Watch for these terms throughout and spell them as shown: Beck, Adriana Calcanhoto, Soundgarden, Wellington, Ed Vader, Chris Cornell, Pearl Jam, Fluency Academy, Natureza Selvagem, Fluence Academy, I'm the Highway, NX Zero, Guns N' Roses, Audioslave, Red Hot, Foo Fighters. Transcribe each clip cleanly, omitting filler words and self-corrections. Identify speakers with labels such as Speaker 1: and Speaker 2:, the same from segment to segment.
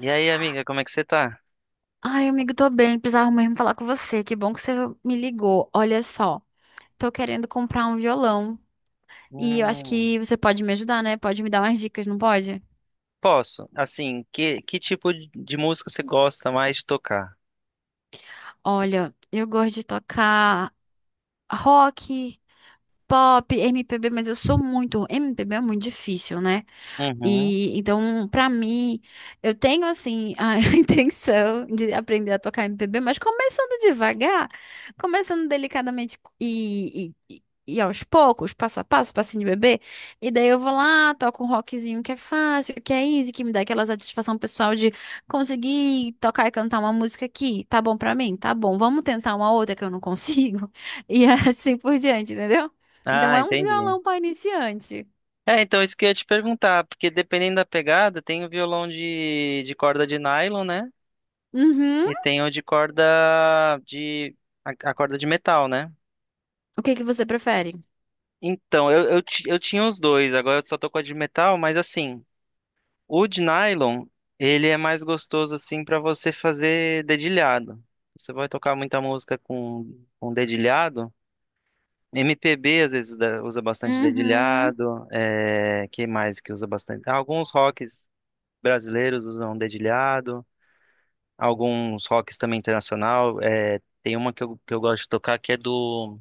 Speaker 1: E aí, amiga, como é que você tá?
Speaker 2: Ai, amigo, tô bem. Precisava mesmo falar com você. Que bom que você me ligou. Olha só, tô querendo comprar um violão e eu acho
Speaker 1: Hum,
Speaker 2: que você pode me ajudar, né? Pode me dar umas dicas, não pode?
Speaker 1: posso. Assim, que tipo de música você gosta mais de tocar?
Speaker 2: Olha, eu gosto de tocar rock, pop, MPB, mas eu sou muito. MPB é muito difícil, né?
Speaker 1: Uhum.
Speaker 2: E então, pra mim, eu tenho assim a intenção de aprender a tocar MPB, mas começando devagar, começando delicadamente e aos poucos, passo a passo, passinho de bebê. E daí eu vou lá, toco um rockzinho que é fácil, que é easy, que me dá aquela satisfação pessoal de conseguir tocar e cantar uma música aqui. Tá bom pra mim? Tá bom. Vamos tentar uma outra que eu não consigo. E assim por diante, entendeu? Então
Speaker 1: Ah,
Speaker 2: é um
Speaker 1: entendi.
Speaker 2: violão para iniciante.
Speaker 1: É, então isso que eu ia te perguntar, porque dependendo da pegada, tem o violão de corda de nylon, né?
Speaker 2: Uhum.
Speaker 1: E tem o de corda de a corda de metal, né?
Speaker 2: O que que você prefere?
Speaker 1: Então, eu tinha os dois, agora eu só tô com a de metal, mas assim, o de nylon, ele é mais gostoso assim para você fazer dedilhado. Você vai tocar muita música com dedilhado. MPB às vezes usa bastante
Speaker 2: Uhum.
Speaker 1: dedilhado. É, que mais que usa bastante? Alguns rocks brasileiros usam dedilhado. Alguns rocks também internacional. É, tem uma que eu gosto de tocar que é do.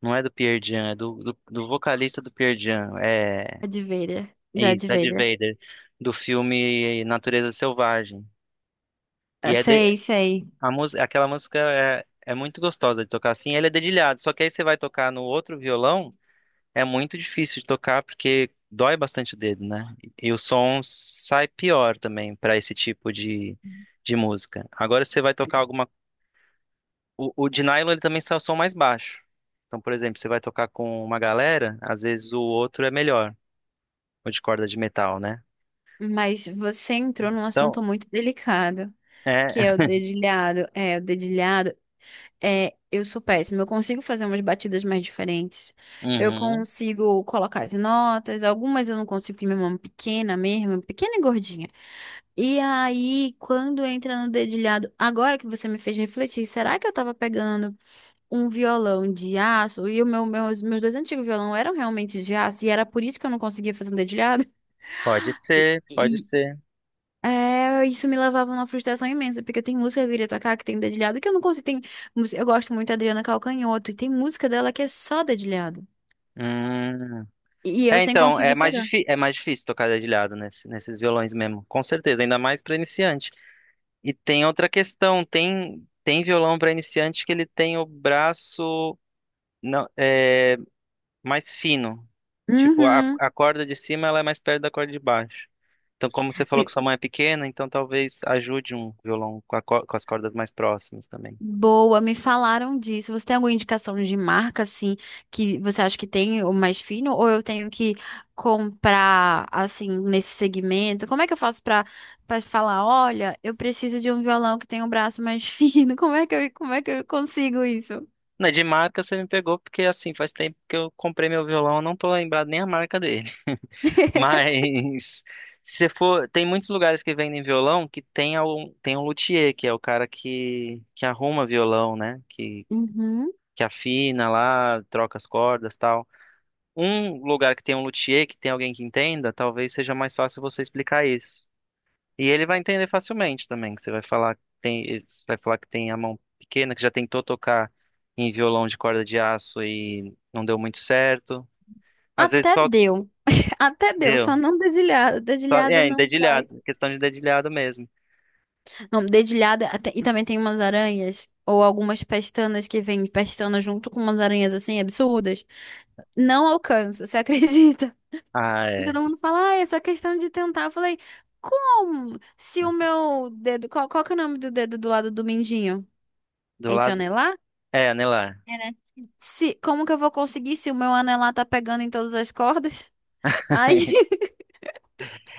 Speaker 1: Não é do Pearl Jam, é do vocalista do Pearl Jam. É,
Speaker 2: Darth Vader.
Speaker 1: é
Speaker 2: Darth
Speaker 1: isso, Ed
Speaker 2: Vader.
Speaker 1: Vader, do filme Natureza Selvagem. E
Speaker 2: Ah,
Speaker 1: é,
Speaker 2: sei, sei.
Speaker 1: a música, aquela música é, é muito gostosa de tocar assim, ele é dedilhado, só que aí você vai tocar no outro violão, é muito difícil de tocar porque dói bastante o dedo, né? E o som sai pior também para esse tipo de música. Agora você vai tocar alguma. O de nylon ele também sai o som mais baixo. Então, por exemplo, você vai tocar com uma galera, às vezes o outro é melhor, o de corda de metal, né?
Speaker 2: Mas você entrou num
Speaker 1: Então,
Speaker 2: assunto muito delicado,
Speaker 1: é.
Speaker 2: que é o dedilhado. É, o dedilhado. É, eu sou péssima. Eu consigo fazer umas batidas mais diferentes. Eu
Speaker 1: Uhum.
Speaker 2: consigo colocar as notas. Algumas eu não consigo, porque minha mão é pequena mesmo, pequena e gordinha. E aí, quando entra no dedilhado, agora que você me fez refletir, será que eu tava pegando um violão de aço? E meus dois antigos violão eram realmente de aço e era por isso que eu não conseguia fazer um dedilhado.
Speaker 1: Pode
Speaker 2: E,
Speaker 1: ser, pode
Speaker 2: e,
Speaker 1: ser.
Speaker 2: é, isso me levava a uma frustração imensa, porque tem música que eu queria tocar que tem dedilhado que eu não consigo. Eu gosto muito da Adriana Calcanhoto e tem música dela que é só dedilhado.
Speaker 1: Hum.
Speaker 2: E eu
Speaker 1: É,
Speaker 2: sem
Speaker 1: então, é
Speaker 2: conseguir
Speaker 1: mais,
Speaker 2: pegar.
Speaker 1: difí é mais difícil tocar dedilhado nesse, nesses violões mesmo, com certeza, ainda mais para iniciante. E tem outra questão, tem, tem violão para iniciante que ele tem o braço não, é, mais fino, tipo, a,
Speaker 2: Uhum.
Speaker 1: a corda de cima ela é mais perto da corda de baixo. Então, como você falou que sua mão é pequena, então talvez ajude um violão com, com as cordas mais próximas também.
Speaker 2: Boa, me falaram disso. Você tem alguma indicação de marca, assim, que você acha que tem o mais fino, ou eu tenho que comprar, assim, nesse segmento? Como é que eu faço pra falar, olha, eu preciso de um violão que tem um braço mais fino? Como é que eu consigo isso?
Speaker 1: Né, de marca você me pegou, porque assim, faz tempo que eu comprei meu violão, eu não tô lembrado nem a marca dele. Mas se for, tem muitos lugares que vendem violão que tem um luthier, que é o cara que arruma violão, né?
Speaker 2: Uhum.
Speaker 1: Que afina lá, troca as cordas, tal. Um lugar que tem um luthier, que tem alguém que entenda, talvez seja mais fácil você explicar isso. E ele vai entender facilmente também, que você vai falar que tem, você vai falar que tem a mão pequena, que já tentou tocar em violão de corda de aço e não deu muito certo. Às vezes
Speaker 2: Até
Speaker 1: só
Speaker 2: deu, até deu,
Speaker 1: deu,
Speaker 2: só não dedilhada,
Speaker 1: só,
Speaker 2: dedilhada
Speaker 1: é, em
Speaker 2: não vai.
Speaker 1: dedilhado, questão de dedilhado mesmo.
Speaker 2: Não, dedilhada, e também tem umas aranhas, ou algumas pestanas que vêm pestana junto com umas aranhas, assim, absurdas. Não alcanço, você acredita?
Speaker 1: Ah,
Speaker 2: E
Speaker 1: é.
Speaker 2: todo mundo fala, ah, é só questão de tentar. Eu falei, como? Se o meu dedo. Qual que é o nome do dedo do lado do mindinho?
Speaker 1: Do
Speaker 2: É esse
Speaker 1: lado.
Speaker 2: anelar?
Speaker 1: É, anelar.
Speaker 2: É, né? Se, Como que eu vou conseguir se o meu anelar tá pegando em todas as cordas? Aí,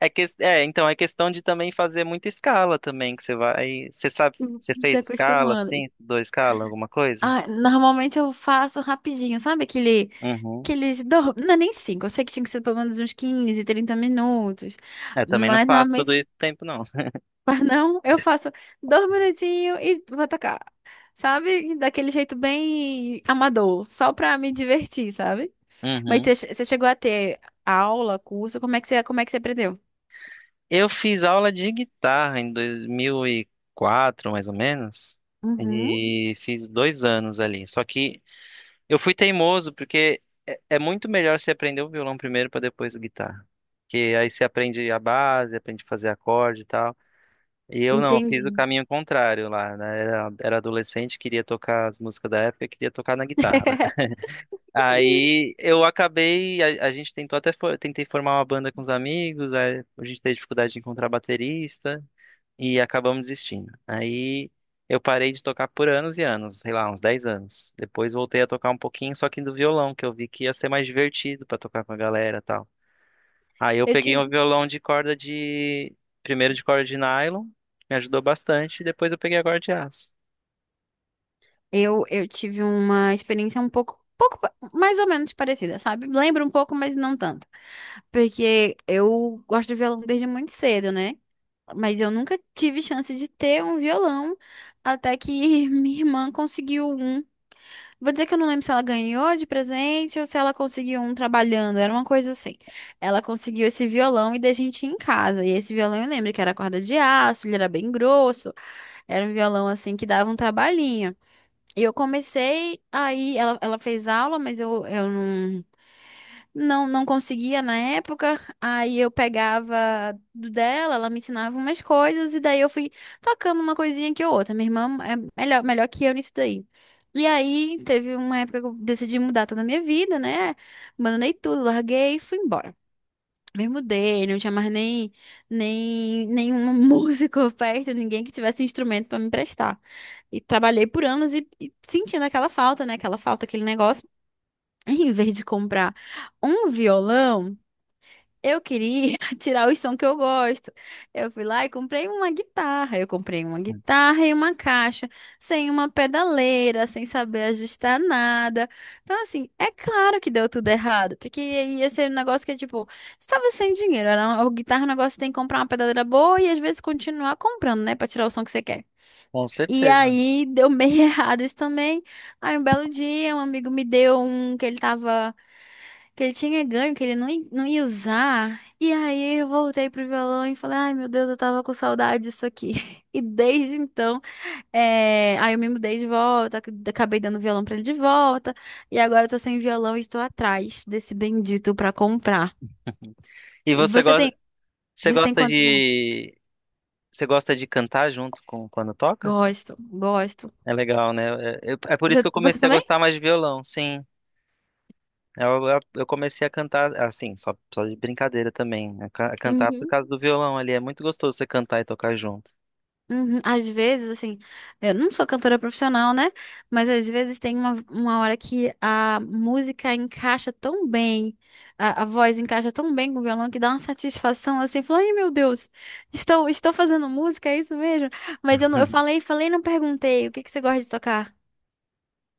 Speaker 1: É, é, então, é questão de também fazer muita escala também, que você vai. Você sabe, você
Speaker 2: se
Speaker 1: fez escala,
Speaker 2: acostumando.
Speaker 1: sim, estudou escala, alguma coisa?
Speaker 2: Ah, normalmente eu faço rapidinho, sabe aquele.
Speaker 1: Uhum.
Speaker 2: Não, é nem cinco. Eu sei que tinha que ser pelo menos uns 15, 30 minutos.
Speaker 1: Eu também não
Speaker 2: Mas
Speaker 1: faço tudo
Speaker 2: normalmente.
Speaker 1: isso o tempo, não.
Speaker 2: Mas não, eu faço 2 minutinhos e vou tocar. Sabe? Daquele jeito bem amador, só pra me divertir, sabe? Mas
Speaker 1: Uhum.
Speaker 2: você chegou a ter aula, curso, como é que você aprendeu?
Speaker 1: Eu fiz aula de guitarra em dois mil e quatro mais ou menos,
Speaker 2: Uhum,
Speaker 1: e fiz dois anos ali. Só que eu fui teimoso, porque é, é muito melhor você aprender o violão primeiro para depois a guitarra. Porque aí você aprende a base, aprende a fazer acorde e tal. E eu não, eu fiz o
Speaker 2: entendi.
Speaker 1: caminho contrário lá, né? Era, era adolescente, queria tocar as músicas da época, queria tocar na guitarra, né? Aí eu acabei, a gente tentou até, tentei formar uma banda com os amigos, aí a gente teve dificuldade de encontrar baterista e acabamos desistindo. Aí eu parei de tocar por anos e anos, sei lá, uns 10 anos. Depois voltei a tocar um pouquinho, só que do violão, que eu vi que ia ser mais divertido pra tocar com a galera, e tal. Aí eu
Speaker 2: Eu
Speaker 1: peguei um
Speaker 2: tive,
Speaker 1: violão de corda de. Primeiro de corda de nylon, me ajudou bastante, e depois eu peguei a corda de aço.
Speaker 2: eu tive uma experiência mais ou menos parecida, sabe? Lembro um pouco, mas não tanto. Porque eu gosto de violão desde muito cedo, né? Mas eu nunca tive chance de ter um violão até que minha irmã conseguiu um. Vou dizer que eu não lembro se ela ganhou de presente ou se ela conseguiu um trabalhando, era uma coisa assim. Ela conseguiu esse violão e da gente ia em casa. E esse violão eu lembro que era corda de aço, ele era bem grosso, era um violão assim que dava um trabalhinho. E eu comecei aí, ela fez aula, mas eu não conseguia na época. Aí eu pegava do dela, ela me ensinava umas coisas, e daí eu fui tocando uma coisinha que outra. Minha irmã é melhor que eu nisso daí. E aí teve uma época que eu decidi mudar toda a minha vida, né? Abandonei tudo, larguei e fui embora. Me mudei, não tinha mais nem, nenhum músico perto, ninguém que tivesse instrumento para me emprestar. E trabalhei por anos e sentindo aquela falta, né? Aquela falta, aquele negócio. Em vez de comprar um violão, eu queria tirar os sons que eu gosto. Eu fui lá e comprei uma guitarra. Eu comprei uma guitarra e uma caixa, sem uma pedaleira, sem saber ajustar nada. Então, assim, é claro que deu tudo errado, porque ia ser um negócio que, tipo, estava sem dinheiro. A guitarra é um negócio que tem que comprar uma pedaleira boa e às vezes continuar comprando, né, pra tirar o som que você quer.
Speaker 1: Com
Speaker 2: E
Speaker 1: certeza.
Speaker 2: aí deu meio errado isso também. Aí um belo dia, um amigo me deu um que ele tava. Que ele tinha ganho, que ele não ia usar. E aí eu voltei pro violão e falei, ai meu Deus, eu tava com saudade disso aqui. E desde então, aí eu me mudei de volta, acabei dando o violão pra ele de volta. E agora eu tô sem violão e estou atrás desse bendito pra comprar.
Speaker 1: E
Speaker 2: E você tem,
Speaker 1: você
Speaker 2: você tem
Speaker 1: gosta
Speaker 2: quantos violões?
Speaker 1: de, você gosta de cantar junto com quando toca?
Speaker 2: Gosto, gosto.
Speaker 1: É legal, né? É, é por isso
Speaker 2: Você,
Speaker 1: que eu
Speaker 2: você
Speaker 1: comecei a
Speaker 2: também?
Speaker 1: gostar mais de violão, sim. Eu comecei a cantar, assim, só de brincadeira também. Né? Cantar por
Speaker 2: Uhum.
Speaker 1: causa do violão ali. É muito gostoso você cantar e tocar junto.
Speaker 2: Uhum. Às vezes, assim, eu não sou cantora profissional, né? Mas às vezes tem uma hora que a música encaixa tão bem, a voz encaixa tão bem com o violão que dá uma satisfação assim, fala, ai meu Deus, estou fazendo música, é isso mesmo? Mas eu, não, eu falei, e não perguntei, o que que você gosta de tocar?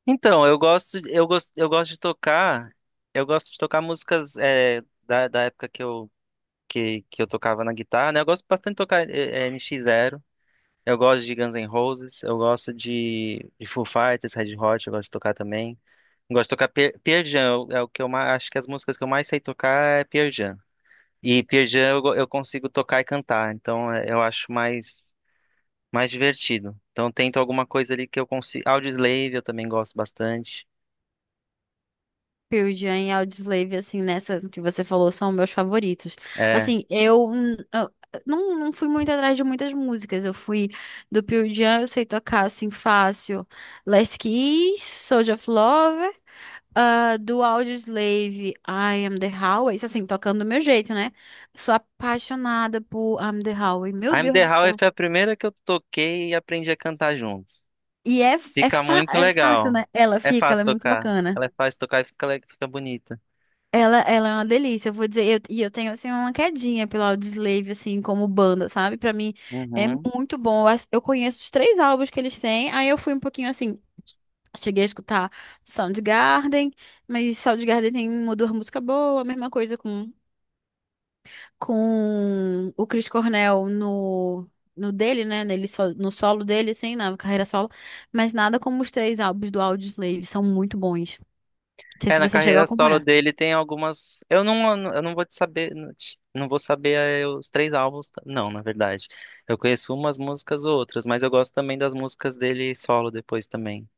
Speaker 1: Então, eu gosto de tocar, eu gosto de tocar músicas é, da época que eu, que eu tocava na guitarra, né? Eu gosto bastante de tocar NX Zero, eu gosto de Guns N' Roses, eu gosto de Foo Fighters, Red Hot, eu gosto de tocar também. Eu gosto de tocar Pearl Jam, é o que eu mais, acho que as músicas que eu mais sei tocar é Pearl Jam. E Pearl Jam eu, eu consigo tocar e cantar, então é, eu acho mais, mais divertido. Então eu tento alguma coisa ali que eu consigo. Audioslave eu também gosto bastante.
Speaker 2: Pearl Jam e Audioslave, assim, nessa que você falou, são meus favoritos.
Speaker 1: eh,
Speaker 2: Assim, eu não fui muito atrás de muitas músicas. Eu fui do Pearl Jam, eu sei tocar, assim, fácil. Last Kiss, Soldier of Love. Ah, do Audioslave, I Am The Highway. Isso, assim, tocando do meu jeito, né? Sou apaixonada por I Am The Highway. Meu
Speaker 1: I'm
Speaker 2: Deus
Speaker 1: the
Speaker 2: do
Speaker 1: Highway
Speaker 2: céu.
Speaker 1: foi a primeira que eu toquei e aprendi a cantar junto.
Speaker 2: E é, é,
Speaker 1: Fica
Speaker 2: fa-
Speaker 1: muito
Speaker 2: é fácil,
Speaker 1: legal.
Speaker 2: né? Ela
Speaker 1: É
Speaker 2: fica, ela
Speaker 1: fácil
Speaker 2: é muito
Speaker 1: tocar.
Speaker 2: bacana.
Speaker 1: Ela é fácil tocar e fica, fica bonita.
Speaker 2: Ela é uma delícia, eu vou dizer, e eu tenho, assim, uma quedinha pelo Audioslave, assim, como banda, sabe? Pra mim é
Speaker 1: Uhum.
Speaker 2: muito bom, eu conheço os três álbuns que eles têm, aí eu fui um pouquinho, assim, cheguei a escutar Soundgarden, mas Soundgarden tem uma ou duas músicas boas, a mesma coisa com o Chris Cornell no, no dele, né, nele, so- no solo dele, assim, na carreira solo, mas nada como os três álbuns do Audioslave, são muito bons, não sei
Speaker 1: É,
Speaker 2: se
Speaker 1: na
Speaker 2: você chegou a
Speaker 1: carreira solo
Speaker 2: acompanhar.
Speaker 1: dele tem algumas. Eu não vou te saber. Não vou saber os três álbuns. Não, na verdade. Eu conheço umas músicas ou outras, mas eu gosto também das músicas dele solo depois também.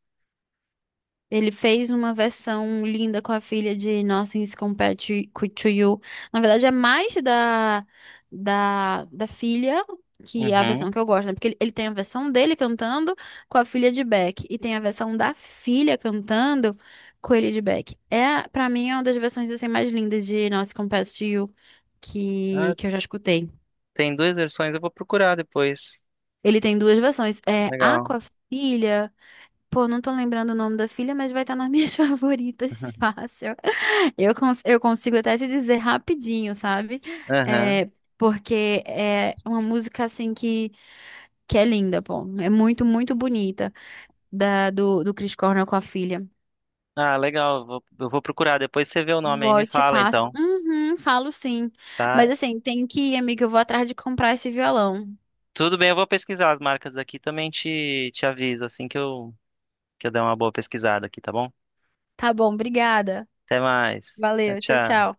Speaker 2: Ele fez uma versão linda com a filha de Nothing Compared to You. Na verdade, é mais da filha, que é a versão
Speaker 1: Uhum.
Speaker 2: que eu gosto, né? Porque ele tem a versão dele cantando com a filha de Beck. E tem a versão da filha cantando com ele de Beck. É, pra mim, é uma das versões assim, mais lindas de Nothing Compared to You
Speaker 1: Ah,
Speaker 2: que eu já escutei.
Speaker 1: tem duas versões, eu vou procurar depois.
Speaker 2: Ele tem duas versões. É a
Speaker 1: Legal.
Speaker 2: com a filha. Pô, não tô lembrando o nome da filha, mas vai estar nas minhas favoritas, fácil. Eu consigo até te dizer rapidinho, sabe?
Speaker 1: Aham.
Speaker 2: É, porque é uma música assim que é linda, pô. É muito, muito bonita do Chris Cornell com a filha.
Speaker 1: Ah, legal. Eu vou procurar. Depois você vê o nome aí e
Speaker 2: Vou
Speaker 1: me
Speaker 2: e te
Speaker 1: fala,
Speaker 2: passo.
Speaker 1: então,
Speaker 2: Uhum, falo sim.
Speaker 1: tá?
Speaker 2: Mas assim, tenho que ir, amiga. Eu vou atrás de comprar esse violão.
Speaker 1: Tudo bem, eu vou pesquisar as marcas aqui. Também te aviso assim que eu der uma boa pesquisada aqui, tá bom?
Speaker 2: Tá bom, obrigada.
Speaker 1: Até mais. Tchau,
Speaker 2: Valeu, tchau,
Speaker 1: tchau.
Speaker 2: tchau.